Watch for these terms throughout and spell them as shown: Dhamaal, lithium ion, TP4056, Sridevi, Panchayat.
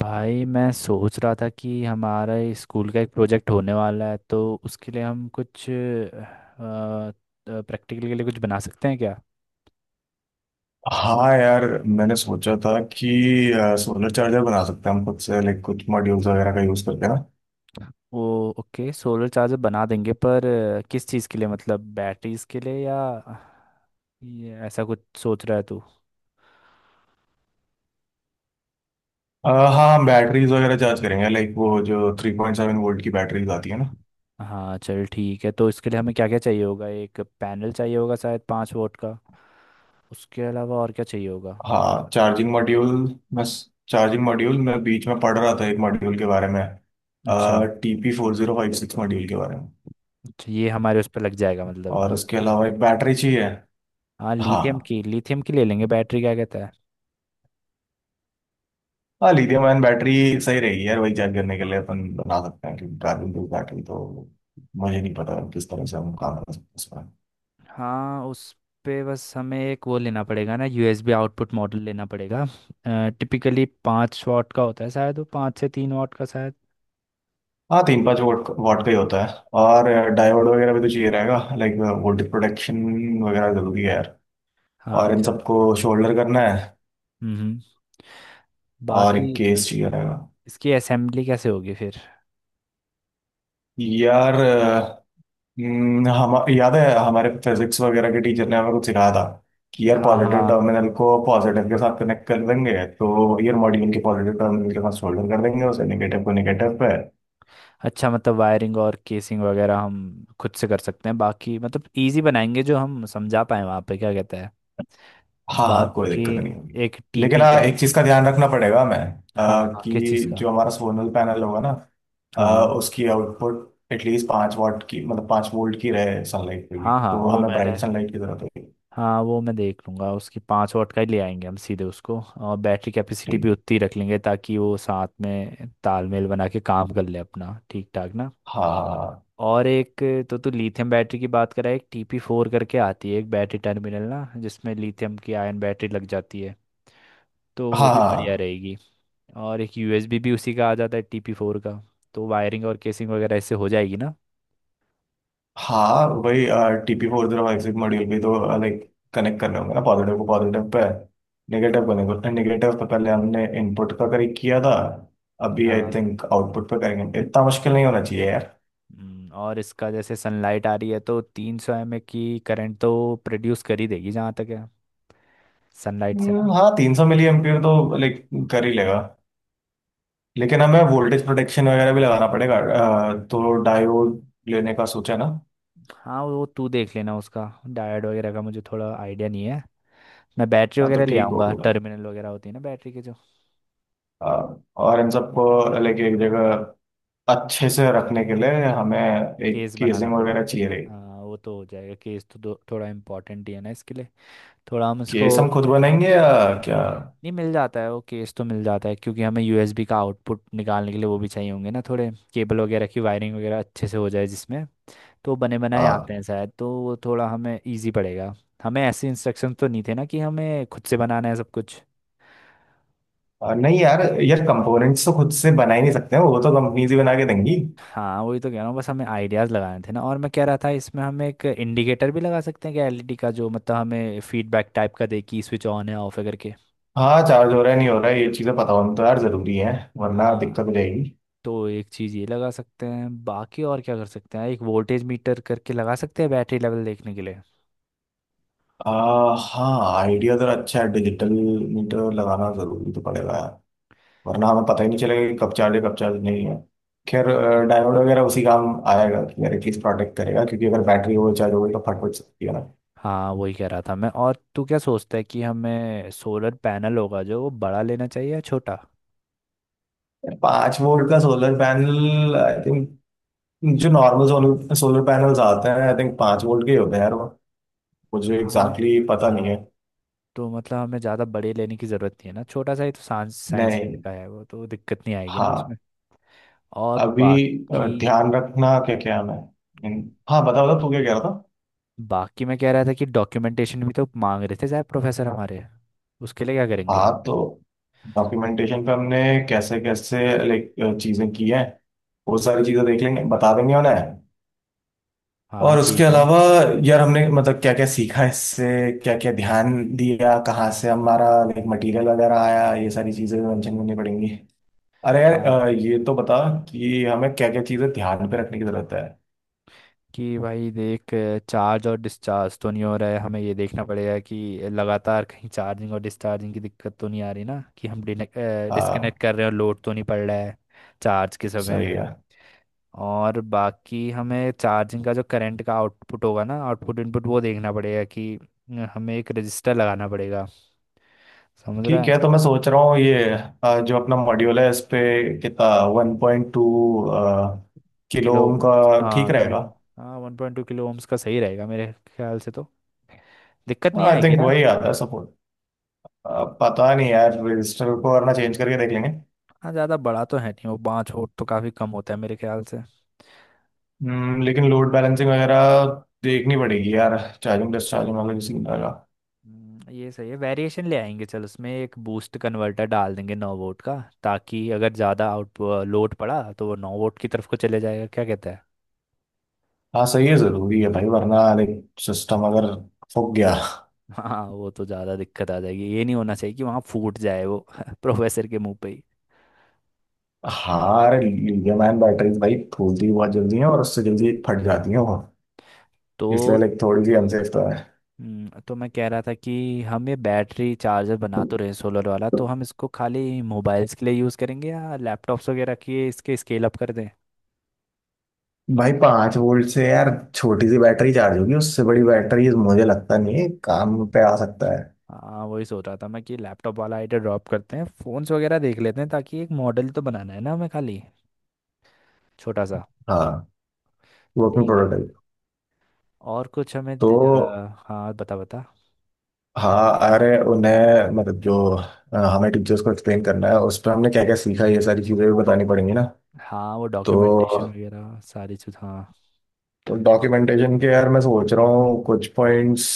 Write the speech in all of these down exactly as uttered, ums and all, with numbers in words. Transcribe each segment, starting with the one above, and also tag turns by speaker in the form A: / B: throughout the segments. A: भाई मैं सोच रहा था कि हमारा स्कूल का एक प्रोजेक्ट होने वाला है, तो उसके लिए हम कुछ प्रैक्टिकल के लिए कुछ बना सकते हैं क्या।
B: हाँ यार मैंने सोचा था कि सोलर चार्जर बना सकते हैं हम खुद से लाइक कुछ मॉड्यूल्स वगैरह का यूज़ करके ना।
A: वो ओके, सोलर चार्जर बना देंगे, पर अ, किस चीज़ के लिए? मतलब बैटरीज के लिए या ये ऐसा कुछ सोच रहा है तू?
B: अ, हाँ, हम बैटरीज वगैरह चार्ज करेंगे लाइक वो जो थ्री पॉइंट सेवन वोल्ट की बैटरीज आती है ना।
A: हाँ चल ठीक है, तो इसके लिए हमें क्या क्या चाहिए होगा। एक पैनल चाहिए होगा शायद पाँच वोट का। उसके अलावा और क्या चाहिए होगा?
B: हाँ, चार्जिंग मॉड्यूल मैं चार्जिंग मॉड्यूल मैं बीच में पढ़ रहा था एक मॉड्यूल के बारे में।
A: अच्छा
B: T P four zero five six module के बारे में।
A: अच्छा ये हमारे उस पर लग जाएगा मतलब।
B: और उसके अलावा एक बैटरी चाहिए।
A: हाँ लिथियम
B: हाँ।
A: की लिथियम की ले लेंगे बैटरी, क्या कहता है।
B: हाँ, लिथियम आयन बैटरी सही रहेगी यार, वही चार्ज करने के लिए अपन बना सकते हैं क्योंकि कार्बन टू बैटरी तो मुझे नहीं पता किस तरह से हम काम कर सकते हैं उसमें।
A: हाँ उस पे बस हमें एक वो लेना पड़ेगा ना, यूएसबी आउटपुट मॉडल लेना पड़ेगा। टिपिकली पाँच वाट का होता है शायद, वो पाँच से तीन वाट का शायद।
B: हाँ तीन पाँच वोट वोट का ही होता है। और डायोड वगैरह भी तो चाहिए रहेगा, लाइक वोल्टेज प्रोटेक्शन वगैरह जरूरी है यार। और
A: हाँ
B: इन
A: चल।
B: सबको शोल्डर करना है।
A: हम्म।
B: और
A: बाकी
B: एक केस चाहिए रहेगा
A: इसकी असेंबली कैसे होगी फिर?
B: यार। हम्म, हम याद है, हमारे फिजिक्स वगैरह के टीचर ने हमें कुछ सिखाया था कि यार
A: हाँ हाँ,
B: पॉजिटिव टर्मिनल को पॉजिटिव के साथ कनेक्ट कर देंगे, तो यार मॉड्यूल के पॉजिटिव टर्मिनल के साथ सोल्डर कर देंगे उसे, नेगेटिव को नेगेटिव पे।
A: अच्छा मतलब वायरिंग और केसिंग वगैरह हम खुद से कर सकते हैं, बाकी मतलब इजी बनाएंगे जो हम समझा पाए वहाँ पे, क्या कहता है।
B: हाँ हाँ, कोई
A: बाकी
B: दिक्कत नहीं होगी।
A: एक
B: लेकिन
A: टीपी
B: हाँ,
A: का।
B: एक चीज का ध्यान रखना पड़ेगा हमें,
A: हाँ
B: अ,
A: हाँ, किस चीज़
B: कि
A: का?
B: जो हमारा सोलर पैनल होगा ना। अ,
A: हाँ
B: उसकी आउटपुट एटलीस्ट पाँच वाट की, मतलब पाँच वोल्ट की रहे सनलाइट पे भी,
A: हाँ हाँ,
B: तो
A: हाँ वो
B: हमें
A: मैंने,
B: ब्राइट सनलाइट की जरूरत होगी।
A: हाँ वो मैं देख लूंगा उसकी। पाँच वाट का ही ले आएंगे हम सीधे उसको, और बैटरी कैपेसिटी भी
B: ठीक।
A: उतनी रख लेंगे ताकि वो साथ में तालमेल बना के काम कर ले अपना ठीक ठाक ना।
B: हाँ
A: और एक, तो तू लिथियम बैटरी की बात करा, एक टीपी फोर करके आती है एक बैटरी टर्मिनल ना, जिसमें लिथियम की आयन बैटरी लग जाती है, तो वो
B: हाँ हाँ।
A: भी
B: हाँ,
A: बढ़िया
B: हाँ।
A: रहेगी। और एक यूएसबी भी उसी का आ जाता है टीपी फोर का, तो वायरिंग और केसिंग वगैरह ऐसे हो जाएगी ना।
B: हाँ वही। TP four zero five six module भी तो लाइक कनेक्ट करने होंगे ना, पॉजिटिव को पॉजिटिव पे, नेगेटिव को नेगेटिव नेगेटिव। तो पहले हमने इनपुट का करेक्ट किया था, अभी आई
A: हाँ।
B: थिंक आउटपुट पे करेंगे, इतना मुश्किल नहीं होना चाहिए यार।
A: हम्म, और इसका जैसे सनलाइट आ रही है तो तीन सौ एम ए की करंट तो प्रोड्यूस कर ही देगी जहाँ तक है, सनलाइट से ना।
B: हम्म, हाँ, तीन सौ मिली एम्पियर तो लाइक कर ही लेगा। लेकिन हमें वोल्टेज प्रोटेक्शन वगैरह भी लगाना पड़ेगा, अ, तो डायोड लेने का सोचा ना।
A: हाँ वो तू देख लेना उसका, डायोड वगैरह का मुझे थोड़ा आइडिया नहीं है। मैं बैटरी
B: हाँ तो
A: वगैरह ले
B: ठीक
A: आऊँगा,
B: होगा।
A: टर्मिनल वगैरह होती है ना बैटरी के जो।
B: अ, और इन सबको लाइक एक जगह अच्छे से रखने के लिए हमें एक
A: केस बनाना
B: केसिंग
A: पड़े।
B: वगैरह चाहिए।
A: हाँ वो तो हो जाएगा, केस तो दो- थोड़ा इम्पोर्टेंट ही है ना इसके लिए, थोड़ा हम इसको।
B: केस हम खुद बनाएंगे या क्या?
A: नहीं मिल जाता है वो, केस तो मिल जाता है, क्योंकि हमें यूएसबी का आउटपुट निकालने के लिए वो भी चाहिए होंगे ना, थोड़े केबल वगैरह की वायरिंग वगैरह अच्छे से हो जाए जिसमें। तो बने बनाए
B: आ,
A: आते हैं शायद, तो वो थोड़ा हमें इजी पड़ेगा। हमें ऐसे इंस्ट्रक्शंस तो नहीं थे ना कि हमें खुद से बनाना है सब कुछ।
B: आ, नहीं यार, यार कंपोनेंट्स तो खुद से बना ही नहीं सकते हैं, वो तो कंपनीज ही बना के देंगी।
A: हाँ वही तो कह रहा हूँ, बस हमें आइडियाज़ लगाने थे ना, और मैं कह रहा था इसमें हम एक इंडिकेटर भी लगा सकते हैं क्या एलईडी का, जो मतलब हमें फीडबैक टाइप का दे कि स्विच ऑन है ऑफ है करके।
B: हाँ चार्ज हो रहा है नहीं हो रहा है ये चीज़ें पता होना तो यार ज़रूरी है, वरना
A: हाँ
B: दिक्कत हो जाएगी।
A: तो एक चीज़ ये लगा सकते हैं, बाकी और क्या कर सकते हैं, एक वोल्टेज मीटर करके लगा सकते हैं बैटरी लेवल देखने के लिए।
B: आ, हाँ आइडिया तो अच्छा है, डिजिटल मीटर लगाना ज़रूरी तो पड़ेगा यार, वरना हमें पता ही नहीं चलेगा कि कब चार्ज है कब चार्ज नहीं है। खैर डायोड वगैरह उसी काम आएगा कि यार एटलीस्ट प्रोटेक्ट करेगा, क्योंकि अगर बैटरी ओवर चार्ज हो गई तो फट फट सकती है ना।
A: हाँ वही कह रहा था मैं, और तू क्या सोचता है कि हमें सोलर पैनल होगा जो वो बड़ा लेना चाहिए या छोटा?
B: पाँच वोल्ट का सोलर पैनल आई थिंक, जो नॉर्मल सोलर सोलर पैनल्स आते हैं आई थिंक पांच वोल्ट के ही होते हैं यार वो। मुझे एग्जैक्टली
A: हाँ
B: exactly पता नहीं है।
A: तो मतलब हमें ज़्यादा बड़े लेने की ज़रूरत नहीं है ना, छोटा सा ही, तो साइंस साइंस फेयर
B: नहीं।
A: का है वो, तो दिक्कत नहीं आएगी ना
B: हाँ।
A: उसमें। और
B: अभी अ,
A: बाकी।
B: ध्यान रखना क्या क्या है। हम्म, हाँ बता बता तू क्या कह रहा था।
A: बाकी मैं कह रहा था कि डॉक्यूमेंटेशन भी तो मांग रहे थे साहब प्रोफेसर हमारे, उसके लिए क्या करेंगे।
B: हाँ, तो डॉक्यूमेंटेशन पे हमने कैसे कैसे लाइक चीजें की हैं, वो सारी चीजें देख लेंगे बता देंगे उन्हें।
A: हाँ
B: और उसके
A: ठीक है।
B: अलावा यार हमने मतलब क्या क्या सीखा इससे, क्या क्या ध्यान दिया, कहाँ से हमारा लाइक मटेरियल वगैरह आया, ये सारी चीजें मेंशन करनी पड़ेंगी। अरे यार,
A: हाँ
B: अ, ये तो बता कि हमें क्या क्या चीजें ध्यान पे रखने की जरूरत है।
A: कि भाई देख, चार्ज और डिस्चार्ज तो नहीं हो रहा है, हमें ये देखना पड़ेगा कि लगातार कहीं चार्जिंग और डिस्चार्जिंग की दिक्कत तो नहीं आ रही ना, कि हम
B: आ,
A: डिस्कनेक्ट कर रहे हैं और लोड तो नहीं पड़ रहा है चार्ज के समय।
B: सही है।
A: और बाकी हमें चार्जिंग का जो करंट का आउटपुट होगा ना, आउटपुट इनपुट वो देखना पड़ेगा कि, अ, हमें एक रजिस्टर लगाना पड़ेगा, समझ रहा
B: ठीक
A: है।
B: है, तो मैं सोच रहा हूँ ये अ, जो अपना मॉड्यूल है इस पे कितना, one point two kilo
A: kilo,
B: ohm का ठीक
A: हाँ
B: रहेगा।
A: किलो। हाँ one point two kilo ohms का सही रहेगा मेरे ख्याल से, तो दिक्कत नहीं
B: आई
A: आएगी
B: थिंक
A: ना।
B: वही आता है सपोर्ट, पता नहीं यार रजिस्टर को, वरना चेंज करके देख लेंगे।
A: हाँ ज़्यादा बड़ा तो है नहीं वो, पाँच वोल्ट तो काफ़ी कम होता है मेरे ख्याल से।
B: हम्म, लेकिन लोड बैलेंसिंग वगैरह देखनी पड़ेगी यार, चार्जिंग डिस्चार्जिंग वाला किसी का।
A: हम्म, ये सही है। वेरिएशन ले आएंगे, चल उसमें एक बूस्ट कन्वर्टर डाल देंगे नौ वोल्ट का, ताकि अगर ज़्यादा आउट लोड पड़ा तो वो नौ वोल्ट की तरफ को चले जाएगा, क्या कहता है।
B: हाँ सही है, जरूरी है भाई, वरना सिस्टम अगर फूक गया।
A: हाँ वो तो ज़्यादा दिक्कत आ जाएगी, ये नहीं होना चाहिए कि वहाँ फूट जाए वो प्रोफेसर के मुंह पे ही।
B: हार लिथियम आयन बैटरीज भाई फूलती भी बहुत जल्दी है और उससे जल्दी फट जाती है वो,
A: तो
B: इसलिए लाइक थोड़ी सी अनसेफ तो है।
A: हम्म, तो मैं कह रहा था कि हम ये बैटरी चार्जर बना तो रहे सोलर वाला, तो हम इसको खाली मोबाइल्स के लिए यूज़ करेंगे या लैपटॉप्स वगैरह के, इसके स्केल अप कर दें।
B: भाई पांच वोल्ट से यार छोटी सी बैटरी चार्ज होगी, उससे बड़ी बैटरी मुझे लगता नहीं है, काम पे आ सकता है।
A: हाँ वही सोच रहा था मैं कि लैपटॉप वाला आइडिया ड्रॉप करते हैं, फ़ोन्स वगैरह देख लेते हैं, ताकि एक मॉडल तो बनाना है ना हमें, खाली छोटा सा।
B: हाँ।
A: तो
B: वो अपनी
A: ठीक है,
B: प्रोटोटाइप।
A: और कुछ हमें
B: तो
A: दि- अ, हाँ बता बता।
B: हाँ, अरे उन्हें मतलब जो अ, हमें टीचर्स को एक्सप्लेन करना है उस पर हमने क्या क्या सीखा ये सारी चीजें भी बतानी पड़ेंगी ना।
A: हाँ वो
B: तो
A: डॉक्यूमेंटेशन वगैरह सारी चीज़, हाँ।
B: तो डॉक्यूमेंटेशन के यार मैं सोच रहा हूँ कुछ पॉइंट्स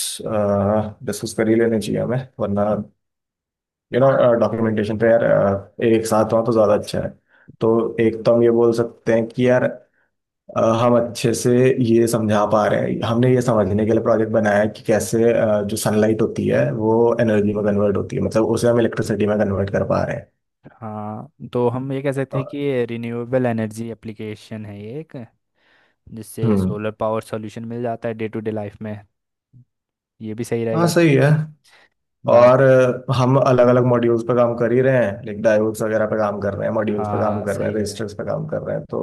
B: डिस्कस कर ही लेने चाहिए हमें, वरना यू नो डॉक्यूमेंटेशन पे यार अ, एक साथ हुआ तो ज़्यादा अच्छा है। तो एक तो हम ये बोल सकते हैं कि यार, अ, हम अच्छे से ये समझा पा रहे हैं, हमने ये समझने के लिए प्रोजेक्ट बनाया है कि कैसे अ, जो सनलाइट होती है वो एनर्जी में कन्वर्ट होती है, मतलब उसे हम इलेक्ट्रिसिटी में कन्वर्ट कर पा रहे हैं।
A: हाँ तो हम ये कह सकते
B: अ,
A: हैं कि ये रिन्यूएबल एनर्जी एप्लीकेशन है ये एक, जिससे
B: हम्म,
A: सोलर पावर सॉल्यूशन मिल जाता है डे टू डे लाइफ में। ये भी सही
B: हाँ
A: रहेगा कि
B: सही है।
A: बात।
B: और अ, हम अलग अलग मॉड्यूल्स पे काम कर ही रहे हैं, लाइक डायोड्स वगैरह पे काम कर रहे हैं,
A: हाँ
B: मॉड्यूल्स पे काम
A: हाँ
B: कर रहे
A: सही
B: हैं,
A: कह रहे हैं।
B: रजिस्टर्स पे काम कर रहे हैं, तो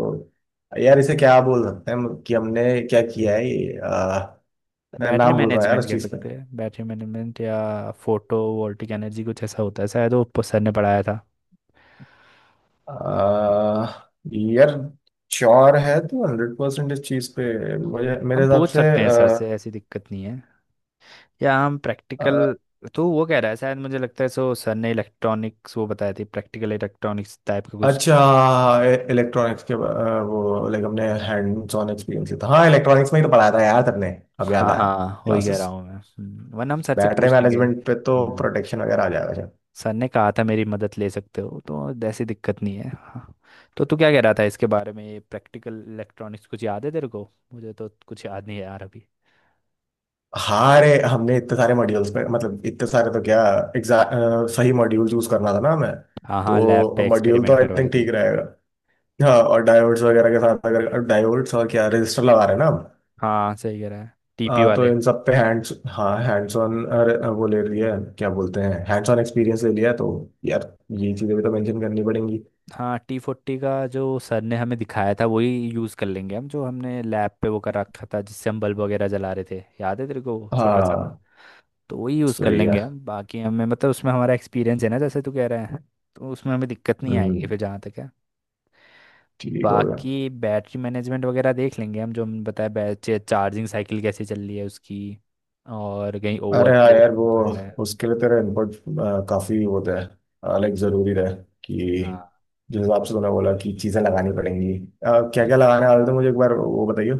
B: यार इसे क्या बोल सकते हैं हम कि हमने क्या किया है।
A: बैटरी
B: नाम भूल रहा है यार
A: मैनेजमेंट
B: उस
A: कह
B: चीज का।
A: सकते हैं, बैटरी मैनेजमेंट या फोटो वोल्टिक एनर्जी कुछ ऐसा होता है शायद, वो प- सर ने पढ़ाया था।
B: अह, यार श्योर है, तो हंड्रेड परसेंट इस चीज पे मुझे, मेरे
A: हम
B: हिसाब
A: पूछ
B: से,
A: सकते हैं सर
B: अह,
A: से, ऐसी दिक्कत नहीं है, या हम
B: अह,
A: प्रैक्टिकल, तो वो कह रहा है शायद, मुझे लगता है सो सर ने इलेक्ट्रॉनिक्स वो बताया थी, प्रैक्टिकल इलेक्ट्रॉनिक्स टाइप का कुछ।
B: अच्छा। इलेक्ट्रॉनिक्स के अह, वो लाइक हमने हैंड्स ऑन एक्सपीरियंस था, हाँ इलेक्ट्रॉनिक्स में ही तो पढ़ाया था यार सबने, अब याद
A: हाँ
B: आया।
A: हाँ वही कह
B: क्लासेस।
A: रहा हूँ मैं। हम्म, वरना हम सर से
B: बैटरी
A: पूछ लेंगे।
B: मैनेजमेंट पे तो
A: हम्म,
B: प्रोटेक्शन वगैरह आ जाएगा शायद।
A: सर ने कहा था मेरी मदद ले सकते हो, तो ऐसी दिक्कत नहीं है हाँ। तो तू क्या कह रहा था इसके बारे में, प्रैक्टिकल इलेक्ट्रॉनिक्स कुछ याद है तेरे को? मुझे तो कुछ याद नहीं है यार अभी।
B: हाँ। अरे हमने इतने सारे मॉड्यूल्स पे, मतलब इतने सारे तो क्या, एग्जैक्ट सही मॉड्यूल चूज करना था ना हमें,
A: हाँ हाँ लैब पे तो
B: तो मॉड्यूल तो
A: एक्सपेरिमेंट
B: आई
A: करवाए
B: थिंक
A: थे।
B: ठीक रहेगा। हाँ, और डायोड्स वगैरह के साथ, अगर डायोड्स और क्या रजिस्टर लगा रहे हैं ना आप,
A: हाँ सही कह रहा है, टीपी
B: आ, तो
A: वाले।
B: इन सब पे हैंड्स, हाँ, हैंड्स ऑन वो ले रही है, क्या बोलते हैं, हैंड्स ऑन एक्सपीरियंस ले लिया, तो यार ये चीज़ें भी तो मेंशन करनी पड़ेंगी।
A: हाँ टी फोर्टी का जो सर ने हमें दिखाया था वही यूज़ कर लेंगे हम, जो हमने लैब पे वो कर रखा था जिससे हम बल्ब वगैरह जला रहे थे, याद है तेरे को, वो छोटा सा था।
B: हाँ
A: तो वही यूज़ कर
B: सही है।
A: लेंगे हम, बाकी हमें मतलब उसमें हमारा एक्सपीरियंस है ना, जैसे तू कह रहा है, तो उसमें हमें दिक्कत नहीं आएगी
B: हम्म,
A: फिर जहाँ तक है।
B: ठीक हो गया।
A: बाकी बैटरी मैनेजमेंट वगैरह देख लेंगे हम, जो हमने बताया, बैटरी चार्जिंग साइकिल कैसे चल रही है उसकी, और कहीं
B: अरे हाँ
A: ओवरलोड
B: यार
A: तो
B: वो
A: नहीं पड़ रहा है।
B: उसके लिए तेरा इनपुट काफ़ी होता है, लाइक ज़रूरी रहे
A: हाँ
B: कि जिस हिसाब से तूने बोला कि चीज़ें लगानी पड़ेंगी, क्या क्या लगाने वाले थे मुझे एक बार वो बताइए।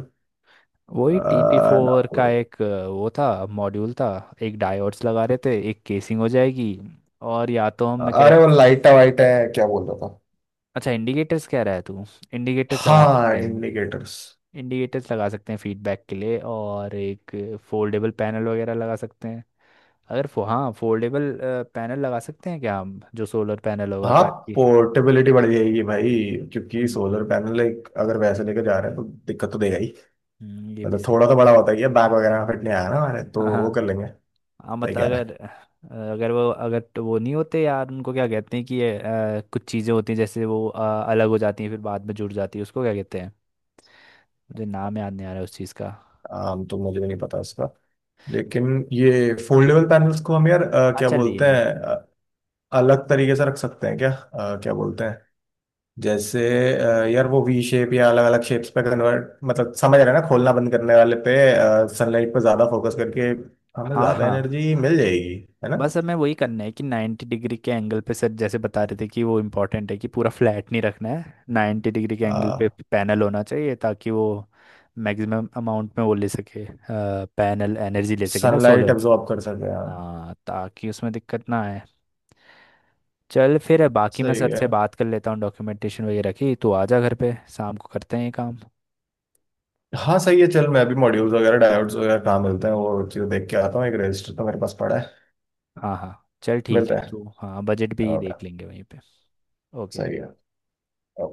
A: वही टीपी
B: अ, ना,
A: फोर का एक अ, वो था, मॉड्यूल था। एक डायोड्स लगा रहे थे, एक केसिंग हो जाएगी, और या तो हम, मैं कह
B: अरे
A: रहा,
B: वो लाइटा वाइटा है, क्या बोल रहा था।
A: अच्छा इंडिकेटर्स कह रहा है तू। इंडिकेटर्स लगा
B: हाँ,
A: सकते हैं
B: इंडिकेटर्स।
A: इंडिकेटर्स लगा सकते हैं फीडबैक के लिए, और एक फोल्डेबल पैनल वगैरह लगा सकते हैं। अगर फो, हाँ फोल्डेबल पैनल लगा सकते हैं क्या हम, जो सोलर पैनल होगा,
B: हाँ
A: ताकि।
B: पोर्टेबिलिटी बढ़ जाएगी भाई, क्योंकि
A: हम्म,
B: सोलर पैनल एक अगर वैसे लेके जा रहे हैं तो दिक्कत तो देगा ही।
A: हम्म, ये भी
B: मतलब
A: सही
B: थोड़ा तो
A: है।
B: बड़ा होता ही है, बैग वगैरह में फिट नहीं आया ना हमारे, तो
A: हाँ
B: वो कर
A: हाँ।
B: लेंगे।
A: हाँ
B: सही
A: मतलब
B: कह रहा
A: अगर,
B: है।
A: अगर वो अगर तो वो नहीं होते यार, उनको क्या कहते हैं कि ये अ, कुछ चीज़ें होती हैं जैसे वो अ, अलग हो जाती हैं फिर बाद में जुड़ जाती है, उसको क्या कहते हैं। मुझे नाम याद नहीं आ रहा है उस चीज़ का।
B: आम तो मुझे भी नहीं पता इसका। लेकिन ये फोल्डेबल पैनल्स को हम यार, अ,
A: हाँ
B: क्या
A: चलिए
B: बोलते
A: हैं।
B: हैं, अ, अलग तरीके से रख सकते हैं क्या? अ, क्या बोलते हैं, जैसे, अ, यार वो वी शेप या अलग अलग शेप्स पे कन्वर्ट, मतलब समझ रहे हैं ना, खोलना बंद करने वाले पे, सनलाइट पर ज्यादा फोकस करके हमें
A: हाँ
B: ज्यादा
A: हाँ,
B: एनर्जी मिल जाएगी। है ना।
A: बस हमें वही करना है कि नाइंटी डिग्री के एंगल पे, सर जैसे बता रहे थे कि वो इम्पोर्टेंट है, कि पूरा फ्लैट नहीं रखना है, नाइंटी डिग्री के एंगल पे पैनल होना चाहिए ताकि वो मैक्सिमम अमाउंट में वो ले सके, पैनल एनर्जी ले सके ना
B: सनलाइट
A: सोलर।
B: एब्जॉर्ब कर सके, हाँ।
A: हाँ ताकि उसमें दिक्कत ना आए। चल फिर बाकी मैं सर
B: सही है।
A: से बात कर लेता हूँ डॉक्यूमेंटेशन वगैरह की, तू आ जा घर पे, शाम को करते हैं ये काम।
B: हाँ सही है, चल मैं अभी मॉड्यूल्स वगैरह डायोड्स वगैरह कहाँ मिलते हैं वो चीज़ देख के आता हूँ, एक रजिस्टर तो मेरे पास पड़ा है।
A: हाँ हाँ चल ठीक है
B: मिलता है।
A: तू, हाँ बजट भी देख
B: ओके।
A: लेंगे वहीं पे। ओके।
B: सही है।